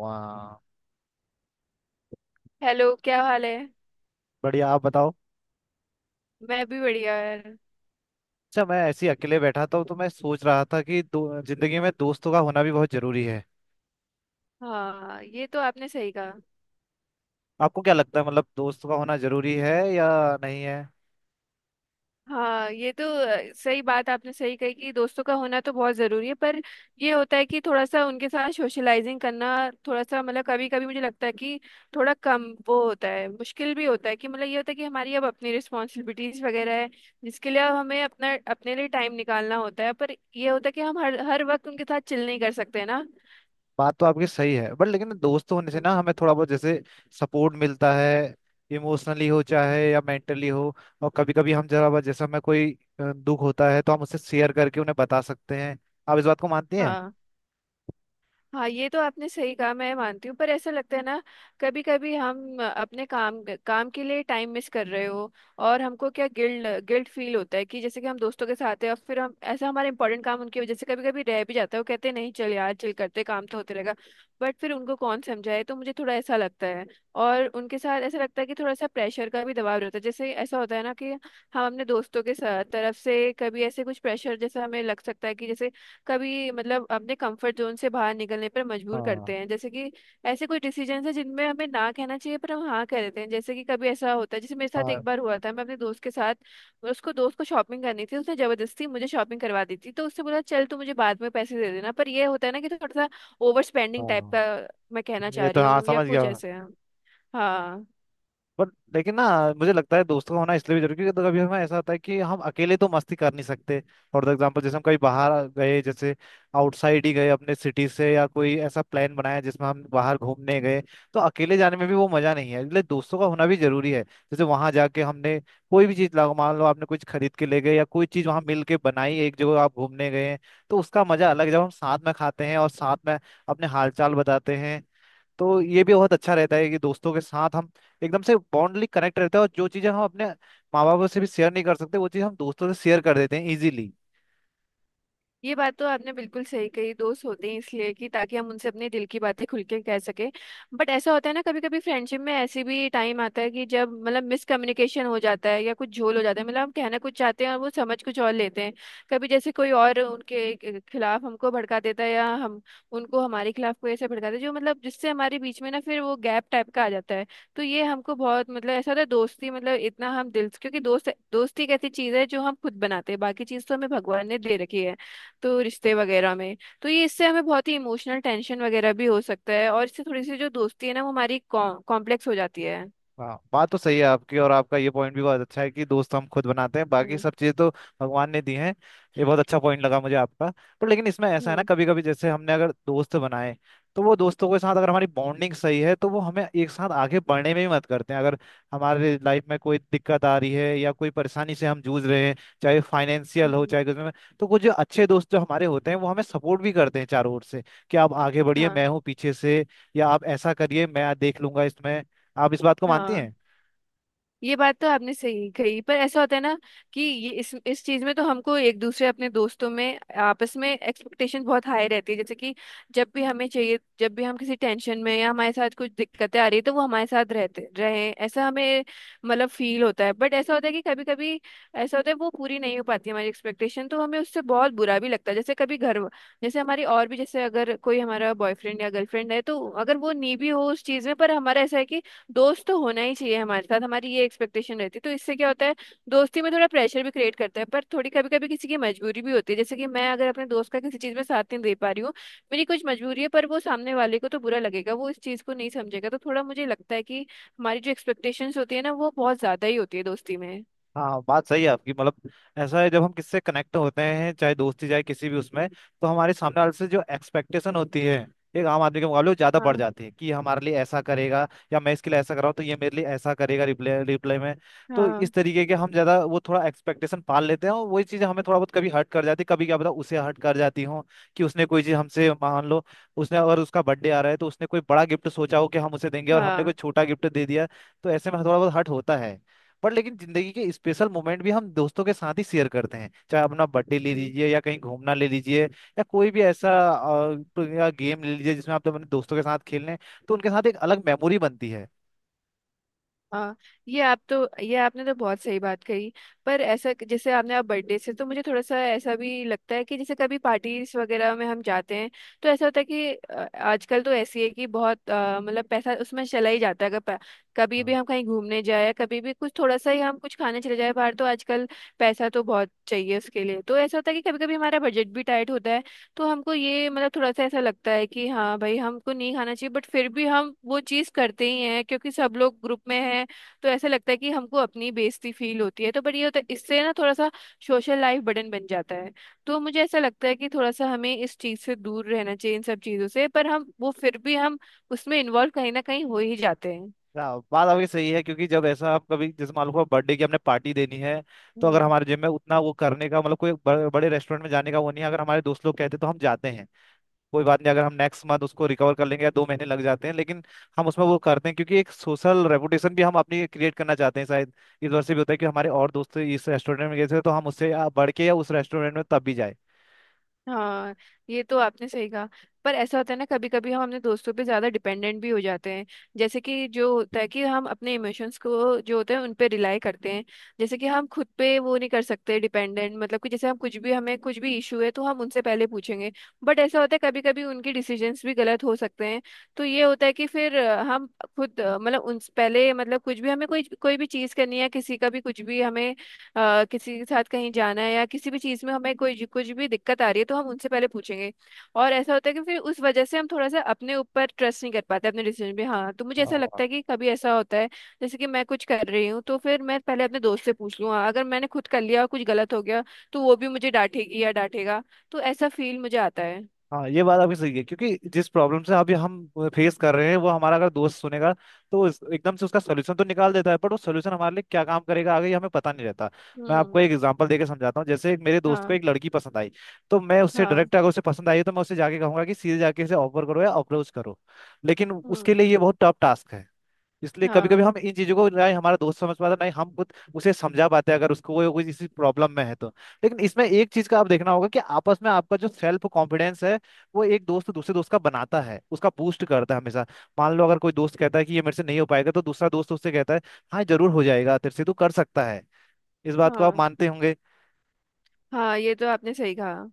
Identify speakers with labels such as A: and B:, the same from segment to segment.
A: वाह।
B: हेलो, क्या हाल है?
A: बढ़िया, आप बताओ।
B: मैं भी बढ़िया, यार।
A: अच्छा, मैं ऐसे ही अकेले बैठा था तो मैं सोच रहा था कि दो जिंदगी में दोस्तों का होना भी बहुत जरूरी है।
B: हाँ, ये तो आपने सही कहा।
A: आपको क्या लगता है, मतलब दोस्तों का होना जरूरी है या नहीं है?
B: हाँ, ये तो सही बात आपने सही कही कि दोस्तों का होना तो बहुत ज़रूरी है। पर ये होता है कि थोड़ा सा उनके साथ सोशलाइजिंग करना, थोड़ा सा मतलब कभी कभी मुझे लगता है कि थोड़ा कम वो होता है, मुश्किल भी होता है कि मतलब ये होता है कि हमारी अब अपनी रिस्पॉन्सिबिलिटीज वगैरह है, जिसके लिए अब हमें अपना अपने लिए टाइम निकालना होता है। पर ये होता है कि हम हर हर वक्त उनके साथ चिल नहीं कर सकते ना।
A: बात तो आपकी सही है, बट लेकिन दोस्त होने से ना हमें थोड़ा बहुत जैसे सपोर्ट मिलता है, इमोशनली हो चाहे या मेंटली हो। और कभी कभी हम जरा बहुत जैसे हमें कोई दुख होता है तो हम उससे शेयर करके उन्हें बता सकते हैं। आप इस बात को मानती हैं?
B: हाँ। हाँ, ये तो आपने सही कहा, मैं मानती हूँ। पर ऐसा लगता है ना, कभी कभी हम अपने काम काम के लिए टाइम मिस कर रहे हो और हमको क्या गिल्ड गिल्ट फील होता है कि जैसे कि हम दोस्तों के साथ है और फिर हम ऐसा हमारा इंपॉर्टेंट काम उनकी वजह से कभी कभी रह भी जाता है। वो कहते हैं, नहीं चल यार, चल करते, काम तो होते रहेगा। बट फिर उनको कौन समझाए? तो मुझे थोड़ा ऐसा लगता है। और उनके साथ ऐसा लगता है कि थोड़ा सा प्रेशर का भी दबाव रहता है। जैसे ऐसा होता है ना कि हम अपने दोस्तों के साथ तरफ से कभी ऐसे कुछ प्रेशर जैसा हमें लग सकता है कि जैसे कभी मतलब अपने कंफर्ट जोन से बाहर निकलने पर मजबूर
A: हाँ।
B: करते हैं। जैसे कि ऐसे कोई डिसीजन है जिनमें हमें ना कहना चाहिए पर हम हाँ कह देते हैं। जैसे कि कभी ऐसा होता है, जैसे मेरे साथ एक
A: हाँ।
B: बार हुआ था। मैं अपने दोस्त के साथ, उसको दोस्त को शॉपिंग करनी थी, उसने जबरदस्ती मुझे शॉपिंग करवा दी थी। तो उससे बोला, चल तू मुझे बाद में पैसे दे देना। पर ये होता है ना कि थोड़ा सा ओवर स्पेंडिंग टाइप
A: हाँ,
B: का मैं कहना
A: ये
B: चाह
A: तो
B: रही
A: हाँ,
B: हूँ, या
A: समझ गया।
B: कुछ ऐसे है। हाँ।
A: बट लेकिन ना मुझे लगता है दोस्तों का होना इसलिए भी जरूरी है, क्योंकि तो कभी हमें ऐसा होता है कि हम अकेले तो मस्ती कर नहीं सकते। फॉर एग्जाम्पल जैसे हम कहीं बाहर गए, जैसे आउटसाइड ही गए अपने सिटी से, या कोई ऐसा प्लान बनाया जिसमें हम बाहर घूमने गए, तो अकेले जाने में भी वो मजा नहीं है, इसलिए दोस्तों का होना भी जरूरी है। जैसे वहां जाके हमने कोई भी चीज लगा, मान लो आपने कुछ खरीद के ले गए या कोई चीज वहां मिल के बनाई, एक जगह आप घूमने गए हैं तो उसका मजा अलग है। जब हम साथ में खाते हैं और साथ में अपने हालचाल बताते हैं, तो ये भी बहुत अच्छा रहता है कि दोस्तों के साथ हम एकदम से बॉन्डली कनेक्ट रहते हैं, और जो चीज़ें हम अपने माँ बापों से भी शेयर नहीं कर सकते वो चीज़ हम दोस्तों से शेयर कर देते हैं इजीली।
B: ये बात तो आपने बिल्कुल सही कही, दोस्त होते हैं इसलिए कि ताकि हम उनसे अपने दिल की बातें खुल के कह सके। बट ऐसा होता है ना, कभी कभी फ्रेंडशिप में ऐसे भी टाइम आता है कि जब मतलब मिसकम्युनिकेशन हो जाता है या कुछ झोल हो जाता है, मतलब हम कहना कुछ चाहते हैं और वो समझ कुछ और लेते हैं। कभी जैसे कोई और उनके खिलाफ हमको भड़का देता है, या हम उनको हमारे खिलाफ कोई ऐसे भड़काता है जो मतलब जिससे हमारे बीच में ना फिर वो गैप टाइप का आ जाता है। तो ये हमको बहुत मतलब ऐसा होता है, दोस्ती मतलब इतना हम क्योंकि दोस्ती एक ऐसी चीज है जो हम खुद बनाते हैं, बाकी चीज तो हमें भगवान ने दे रखी है, तो रिश्ते वगैरह में। तो ये इससे हमें बहुत ही इमोशनल टेंशन वगैरह भी हो सकता है, और इससे थोड़ी सी जो दोस्ती है ना वो हमारी कॉम्प्लेक्स हो जाती है।
A: हाँ, बात तो सही है आपकी, और आपका ये पॉइंट भी बहुत अच्छा है कि दोस्त हम खुद बनाते हैं, बाकी
B: हम्म।
A: सब चीज़ें तो भगवान ने दी हैं। ये बहुत अच्छा पॉइंट लगा मुझे आपका। पर लेकिन इसमें ऐसा है ना,
B: हम्म।
A: कभी कभी जैसे हमने अगर दोस्त बनाए, तो वो दोस्तों के साथ अगर हमारी बॉन्डिंग सही है तो वो हमें एक साथ आगे बढ़ने में ही मदद करते हैं। अगर हमारे लाइफ में कोई दिक्कत आ रही है या कोई परेशानी से हम जूझ रहे हैं, चाहे फाइनेंशियल हो
B: हम्म।
A: चाहे कुछ में, तो कुछ जो अच्छे दोस्त जो हमारे होते हैं वो हमें सपोर्ट भी करते हैं चारों ओर से, कि आप आगे बढ़िए
B: हाँ।
A: मैं हूँ पीछे से, या आप ऐसा करिए मैं देख लूंगा इसमें। आप इस बात को मानती
B: हाँ,
A: हैं?
B: ये बात तो आपने सही कही। पर ऐसा होता है ना कि ये इस चीज में तो हमको एक दूसरे अपने दोस्तों में आपस में एक्सपेक्टेशन बहुत हाई रहती है। जैसे कि जब भी हमें चाहिए, जब भी हम किसी टेंशन में या हमारे साथ कुछ दिक्कतें आ रही है तो वो हमारे साथ रहते रहे, ऐसा हमें मतलब फील होता है। बट ऐसा होता है कि कभी कभी ऐसा होता है वो पूरी नहीं हो पाती हमारी एक्सपेक्टेशन, तो हमें उससे बहुत बुरा भी लगता है। जैसे कभी घर, जैसे हमारी और भी जैसे अगर कोई हमारा बॉयफ्रेंड या गर्लफ्रेंड है तो अगर वो नहीं भी हो उस चीज में, पर हमारा ऐसा है कि दोस्त तो होना ही चाहिए हमारे साथ, हमारी ये एक्सपेक्टेशन रहती है। तो इससे क्या होता है, दोस्ती में थोड़ा प्रेशर भी क्रिएट करता है। पर थोड़ी कभी कभी किसी की मजबूरी भी होती है, जैसे कि मैं अगर अपने दोस्त का किसी चीज में साथ नहीं दे पा रही हूँ, मेरी कुछ मजबूरी है पर वो सामने वाले को तो बुरा लगेगा, वो इस चीज को नहीं समझेगा। तो थोड़ा मुझे लगता है कि हमारी जो एक्सपेक्टेशंस होती है ना वो बहुत ज्यादा ही होती है दोस्ती में।
A: हाँ, बात सही है आपकी। मतलब ऐसा है, जब हम किससे कनेक्ट होते हैं चाहे दोस्ती चाहे किसी भी उसमें, तो हमारे सामने वाले से जो एक्सपेक्टेशन होती है एक आम आदमी के मुकाबले वो ज्यादा बढ़
B: हाँ।
A: जाती है, कि ये हमारे लिए ऐसा करेगा, या मैं इसके लिए ऐसा कर रहा हूँ तो ये मेरे लिए ऐसा करेगा रिप्लाई रिप्लाई में। तो इस
B: हाँ।
A: तरीके के हम ज्यादा वो थोड़ा एक्सपेक्टेशन पाल लेते हैं, और वही चीजें हमें थोड़ा बहुत कभी हर्ट कर जाती है, कभी क्या पता उसे हर्ट कर जाती हो, कि उसने कोई चीज हमसे मान लो, उसने अगर उसका बर्थडे आ रहा है तो उसने कोई बड़ा गिफ्ट सोचा हो कि हम उसे देंगे और हमने कोई
B: हाँ।
A: छोटा गिफ्ट दे दिया, तो ऐसे में थोड़ा बहुत हर्ट होता है। पर लेकिन जिंदगी के स्पेशल मोमेंट भी हम दोस्तों के साथ ही शेयर करते हैं, चाहे अपना बर्थडे ले लीजिए या कहीं घूमना ले लीजिए, या कोई भी ऐसा तो या गेम ले लीजिए जिसमें आप तो अपने दोस्तों के साथ खेल रहे हैं, तो उनके साथ एक अलग मेमोरी बनती है।
B: हाँ। ये आप तो ये आपने तो बहुत सही बात कही। पर ऐसा जैसे आपने आप बर्थडे से तो मुझे थोड़ा सा ऐसा भी लगता है कि जैसे कभी पार्टीज वगैरह में हम जाते हैं, तो ऐसा होता है कि आजकल तो ऐसी है कि बहुत मतलब पैसा उसमें चला ही जाता है। अगर कभी भी
A: हाँ।
B: हम कहीं घूमने जाए, कभी भी कुछ थोड़ा सा ही हम कुछ खाने चले जाए बाहर, तो आजकल पैसा तो बहुत चाहिए उसके लिए। तो ऐसा होता है कि कभी कभी हमारा बजट भी टाइट होता है, तो हमको ये मतलब थोड़ा सा ऐसा लगता है कि हाँ भाई, हमको नहीं खाना चाहिए। बट फिर भी हम वो चीज़ करते ही हैं क्योंकि सब लोग ग्रुप में हैं, तो ऐसा लगता है कि हमको अपनी बेइज्जती फील होती है। तो बट ये होता है इससे ना थोड़ा सा सोशल लाइफ बर्डन बन जाता है। तो मुझे ऐसा लगता है कि थोड़ा सा हमें इस चीज़ से दूर रहना चाहिए, इन सब चीज़ों से। पर हम वो फिर भी हम उसमें इन्वॉल्व कहीं ना कहीं हो ही जाते हैं।
A: हाँ, बात आपकी सही है, क्योंकि जब ऐसा आप कभी जैसे मान लो बर्थडे की हमने पार्टी देनी है, तो अगर
B: हम्म।
A: हमारे जिम में उतना वो करने का मतलब कोई बड़े रेस्टोरेंट में जाने का वो नहीं है, अगर हमारे दोस्त लोग कहते तो हम जाते हैं, कोई बात नहीं अगर हम नेक्स्ट मंथ उसको रिकवर कर लेंगे या दो महीने लग जाते हैं, लेकिन हम उसमें वो करते हैं, क्योंकि एक सोशल रेपुटेशन भी हम अपनी क्रिएट करना चाहते हैं शायद, इस वजह से भी होता है कि हमारे और दोस्त इस रेस्टोरेंट में गए थे तो हम उससे बढ़ के या उस रेस्टोरेंट में तब भी
B: हाँ, ये तो आपने सही कहा। पर ऐसा होता है ना, कभी कभी हम अपने दोस्तों पे ज्यादा डिपेंडेंट भी हो जाते हैं। जैसे कि जो होता है कि हम अपने इमोशंस को जो होते हैं उन पे रिलाई करते हैं, जैसे कि हम खुद पे वो नहीं कर सकते। डिपेंडेंट मतलब कि जैसे हम कुछ भी हमें कुछ भी इशू है तो हम उनसे पहले पूछेंगे। बट ऐसा होता है कभी कभी उनके डिसीजंस भी गलत हो सकते हैं। तो ये होता है कि फिर हम खुद मतलब उन पहले मतलब कुछ भी हमें कोई कोई भी चीज़ करनी है, किसी का भी कुछ भी हमें किसी के साथ कहीं जाना है या किसी भी चीज़ में हमें कोई कुछ भी दिक्कत आ रही है, तो हम उनसे पहले पूछेंगे। और ऐसा होता है कि फिर उस वजह से हम थोड़ा सा अपने ऊपर ट्रस्ट नहीं कर पाते अपने डिसीजन पे। हाँ, तो मुझे ऐसा लगता
A: जाए।
B: है कि कभी ऐसा होता है, जैसे कि मैं कुछ कर रही हूँ तो फिर मैं पहले अपने दोस्त से पूछ लूँ। हाँ, अगर मैंने खुद कर लिया और कुछ गलत हो गया तो वो भी मुझे डांटेगी या डांटेगा। तो ऐसा फील मुझे आता है।
A: हाँ, ये बात आपकी सही है क्योंकि जिस प्रॉब्लम से अभी हम फेस कर रहे हैं वो हमारा अगर दोस्त सुनेगा, तो एकदम से उसका सोल्यूशन तो निकाल देता है, पर वो सोल्यूशन हमारे लिए क्या काम करेगा आगे ये हमें पता नहीं रहता। मैं आपको एक
B: हम्म।
A: एग्जांपल देके समझाता हूँ, जैसे एक मेरे दोस्त को
B: हाँ।
A: एक लड़की पसंद आई, तो मैं उससे
B: हाँ।
A: डायरेक्ट, अगर उसे पसंद आई है, तो मैं उसे जाके कहूंगा कि सीधे जाके उसे ऑफर करो या अप्रोच करो, लेकिन उसके
B: हम्म।
A: लिए ये बहुत टफ टास्क है। इसलिए कभी कभी
B: हाँ।
A: हम इन चीजों को ना ही हमारा दोस्त समझ पाता ना ही हम खुद उसे समझा पाते हैं, अगर उसको कोई कोई इसी प्रॉब्लम में है तो। लेकिन इसमें एक चीज का आप देखना होगा कि आपस में आपका जो सेल्फ कॉन्फिडेंस है, वो एक दोस्त दूसरे दोस्त का बनाता है, उसका बूस्ट करता है हमेशा। मान लो अगर कोई दोस्त कहता है कि ये मेरे से नहीं हो पाएगा, तो दूसरा दोस्त उससे कहता है हाँ जरूर हो जाएगा, तेरे से तू कर सकता है। इस बात को आप
B: हाँ।
A: मानते होंगे?
B: हाँ, ये तो आपने सही कहा।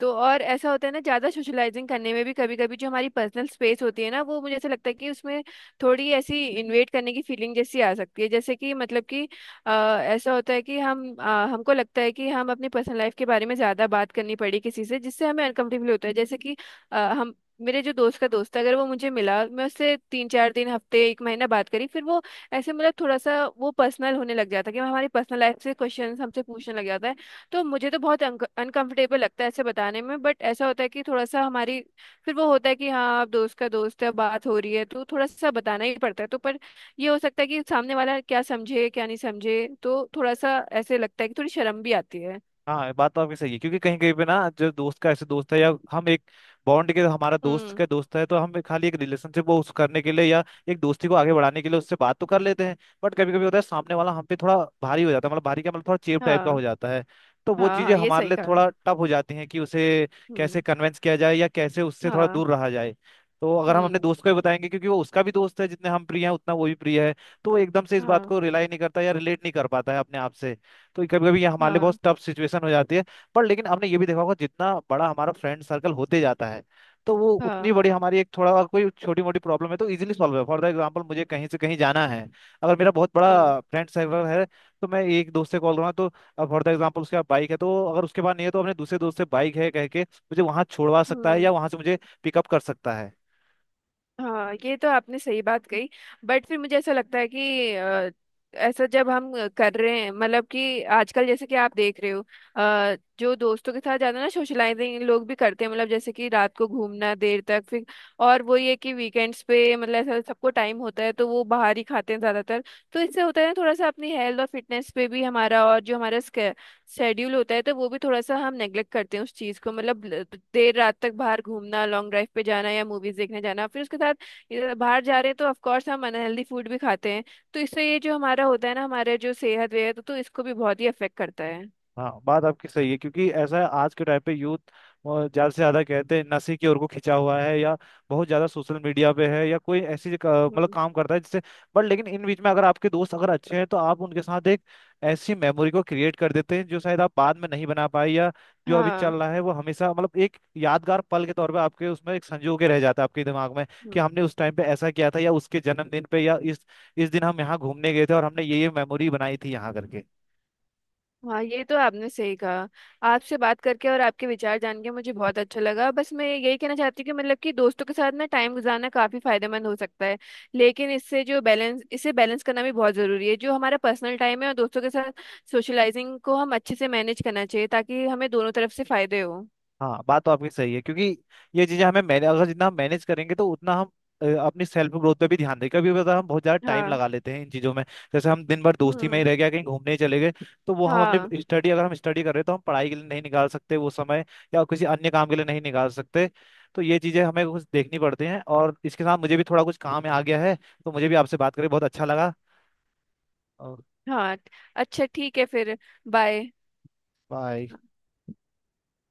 B: तो और ऐसा होता है ना, ज्यादा सोशलाइजिंग करने में भी कभी कभी जो हमारी पर्सनल स्पेस होती है ना, वो मुझे ऐसा लगता है कि उसमें थोड़ी ऐसी इन्वेट करने की फीलिंग जैसी आ सकती है। जैसे कि मतलब कि अ, ऐसा होता है कि हमको लगता है कि हम अपनी पर्सनल लाइफ के बारे में ज्यादा बात करनी पड़ी किसी से, जिससे हमें अनकंफर्टेबल होता है। जैसे कि अ, हम मेरे जो दोस्त का दोस्त है, अगर वो मुझे मिला, मैं उससे 3-4 दिन, हफ्ते, एक महीना बात करी, फिर वो ऐसे मतलब थोड़ा सा वो पर्सनल होने लग जाता है कि हमारी पर्सनल लाइफ से क्वेश्चन हमसे पूछने लग जाता है। तो मुझे तो बहुत अनकंफर्टेबल लगता है ऐसे बताने में। बट ऐसा होता है कि थोड़ा सा हमारी फिर वो होता है कि हाँ आप दोस्त का दोस्त है, बात हो रही है तो थोड़ा सा बताना ही पड़ता है। तो पर ये हो सकता है कि सामने वाला क्या समझे क्या नहीं समझे, तो थोड़ा सा ऐसे लगता है कि थोड़ी शर्म भी आती है।
A: हाँ, बात तो आपकी सही है, क्योंकि कहीं कहीं पे ना जो दोस्त का ऐसे दोस्त है, या हम एक बॉन्ड के हमारा दोस्त
B: हम्म।
A: का दोस्त है, तो हम खाली एक रिलेशनशिप वो उस करने के लिए या एक दोस्ती को आगे बढ़ाने के लिए उससे बात तो कर
B: हम्म।
A: लेते हैं। बट कभी कभी होता है सामने वाला हम पे थोड़ा भारी हो जाता है, मतलब भारी क्या, मतलब थोड़ा चेप टाइप का
B: हाँ।
A: हो जाता है, तो वो
B: हाँ।
A: चीजें
B: हाँ, ये
A: हमारे
B: सही
A: लिए
B: कहा।
A: थोड़ा टफ हो जाती हैं कि उसे कैसे
B: हम्म।
A: कन्वेंस किया जाए या कैसे उससे थोड़ा
B: हाँ।
A: दूर रहा जाए। तो अगर हम अपने
B: हम्म।
A: दोस्त को भी बताएंगे क्योंकि वो उसका भी दोस्त है, जितने हम प्रिय हैं उतना वो भी प्रिय है, तो वो एकदम से इस बात को
B: हाँ।
A: रिलाई नहीं करता या रिलेट नहीं कर पाता है अपने आप से, तो कभी कभी ये हमारे लिए बहुत
B: हाँ।
A: टफ सिचुएशन हो जाती है। पर लेकिन हमने ये भी देखा होगा जितना बड़ा हमारा फ्रेंड सर्कल होते जाता है, तो वो उतनी
B: हाँ।
A: बड़ी हमारी एक थोड़ा कोई छोटी मोटी प्रॉब्लम है तो इजीली सॉल्व है। फॉर द एग्जाम्पल मुझे कहीं से कहीं जाना है, अगर मेरा बहुत
B: हम्म।
A: बड़ा फ्रेंड सर्कल है तो मैं एक दोस्त से कॉल करूँगा, तो फॉर द एग्जाम्पल उसके पास बाइक है, तो अगर उसके पास नहीं है तो अपने दूसरे दोस्त से बाइक है कह के मुझे वहाँ छोड़वा सकता है
B: हम्म।
A: या वहाँ से मुझे पिकअप कर सकता है।
B: हाँ, ये तो आपने सही बात कही। बट फिर मुझे ऐसा लगता है कि ऐसा जब हम कर रहे हैं, मतलब कि आजकल जैसे कि आप देख रहे हो, जो दोस्तों के साथ जाना ना सोशलाइजिंग लोग भी करते हैं मतलब, जैसे कि रात को घूमना देर तक, फिर और वो ये कि वीकेंड्स पे मतलब ऐसा सबको टाइम होता है, तो वो बाहर ही खाते हैं ज्यादातर। तो इससे होता है ना, थोड़ा सा अपनी हेल्थ और फिटनेस पे भी हमारा और जो हमारा शेड्यूल होता है तो वो भी थोड़ा सा हम नेग्लेक्ट करते हैं उस चीज को, मतलब देर रात तक बाहर घूमना, लॉन्ग ड्राइव पे जाना या मूवीज देखने जाना, फिर उसके साथ ये बाहर जा रहे हैं तो ऑफ कोर्स हम अनहेल्दी फूड भी खाते हैं। तो इससे ये जो हमारा होता है ना हमारे जो सेहत वेहत तो इसको भी बहुत ही अफेक्ट करता है।
A: हाँ, बात आपकी सही है, क्योंकि ऐसा है आज के टाइम पे यूथ ज़्यादा से ज़्यादा कहते हैं नशे की ओर को खिंचा हुआ है, या बहुत ज़्यादा सोशल मीडिया पे है, या कोई ऐसी मतलब
B: हम्म।
A: काम करता है जिससे, बट लेकिन इन बीच में अगर आपके दोस्त अगर अच्छे हैं, तो आप उनके साथ एक ऐसी मेमोरी को क्रिएट कर देते हैं जो शायद आप बाद में नहीं बना पाए, या जो अभी चल
B: हाँ।
A: रहा है वो हमेशा मतलब एक यादगार पल के तौर पे आपके उसमें एक संजो के रह जाता है आपके दिमाग में, कि हमने उस टाइम पे ऐसा किया था, या उसके जन्मदिन पे, या इस दिन हम यहाँ घूमने गए थे और हमने ये मेमोरी बनाई थी यहाँ करके।
B: हाँ, ये तो आपने सही कहा। आपसे बात करके और आपके विचार जान के मुझे बहुत अच्छा लगा। बस मैं यही कहना चाहती हूँ कि मतलब कि दोस्तों के साथ ना टाइम गुजारना काफी फायदेमंद हो सकता है, लेकिन इससे जो बैलेंस, इसे बैलेंस करना भी बहुत जरूरी है, जो हमारा पर्सनल टाइम है और दोस्तों के साथ सोशलाइजिंग को हम अच्छे से मैनेज करना चाहिए ताकि हमें दोनों तरफ से फायदे हो।
A: हाँ, बात तो आपकी सही है, क्योंकि ये चीजें हमें मैंने अगर जितना हम मैनेज करेंगे तो उतना हम अपनी सेल्फ ग्रोथ पे भी ध्यान दें। कभी पता हम बहुत ज्यादा टाइम
B: हाँ।
A: लगा लेते हैं इन चीजों में, जैसे हम दिन भर दोस्ती में ही
B: हम्म।
A: रह गया कहीं घूमने ही चले गए, तो वो हम
B: हाँ।
A: अपने स्टडी अगर हम स्टडी कर रहे हैं तो हम पढ़ाई के लिए नहीं निकाल सकते वो समय, या किसी अन्य काम के लिए नहीं निकाल सकते। तो ये चीजें हमें कुछ देखनी पड़ती हैं, और इसके साथ मुझे भी थोड़ा कुछ काम आ गया है, तो मुझे भी आपसे बात करके बहुत अच्छा लगा। और
B: हाँ। अच्छा, ठीक है फिर। बाय।
A: बाय।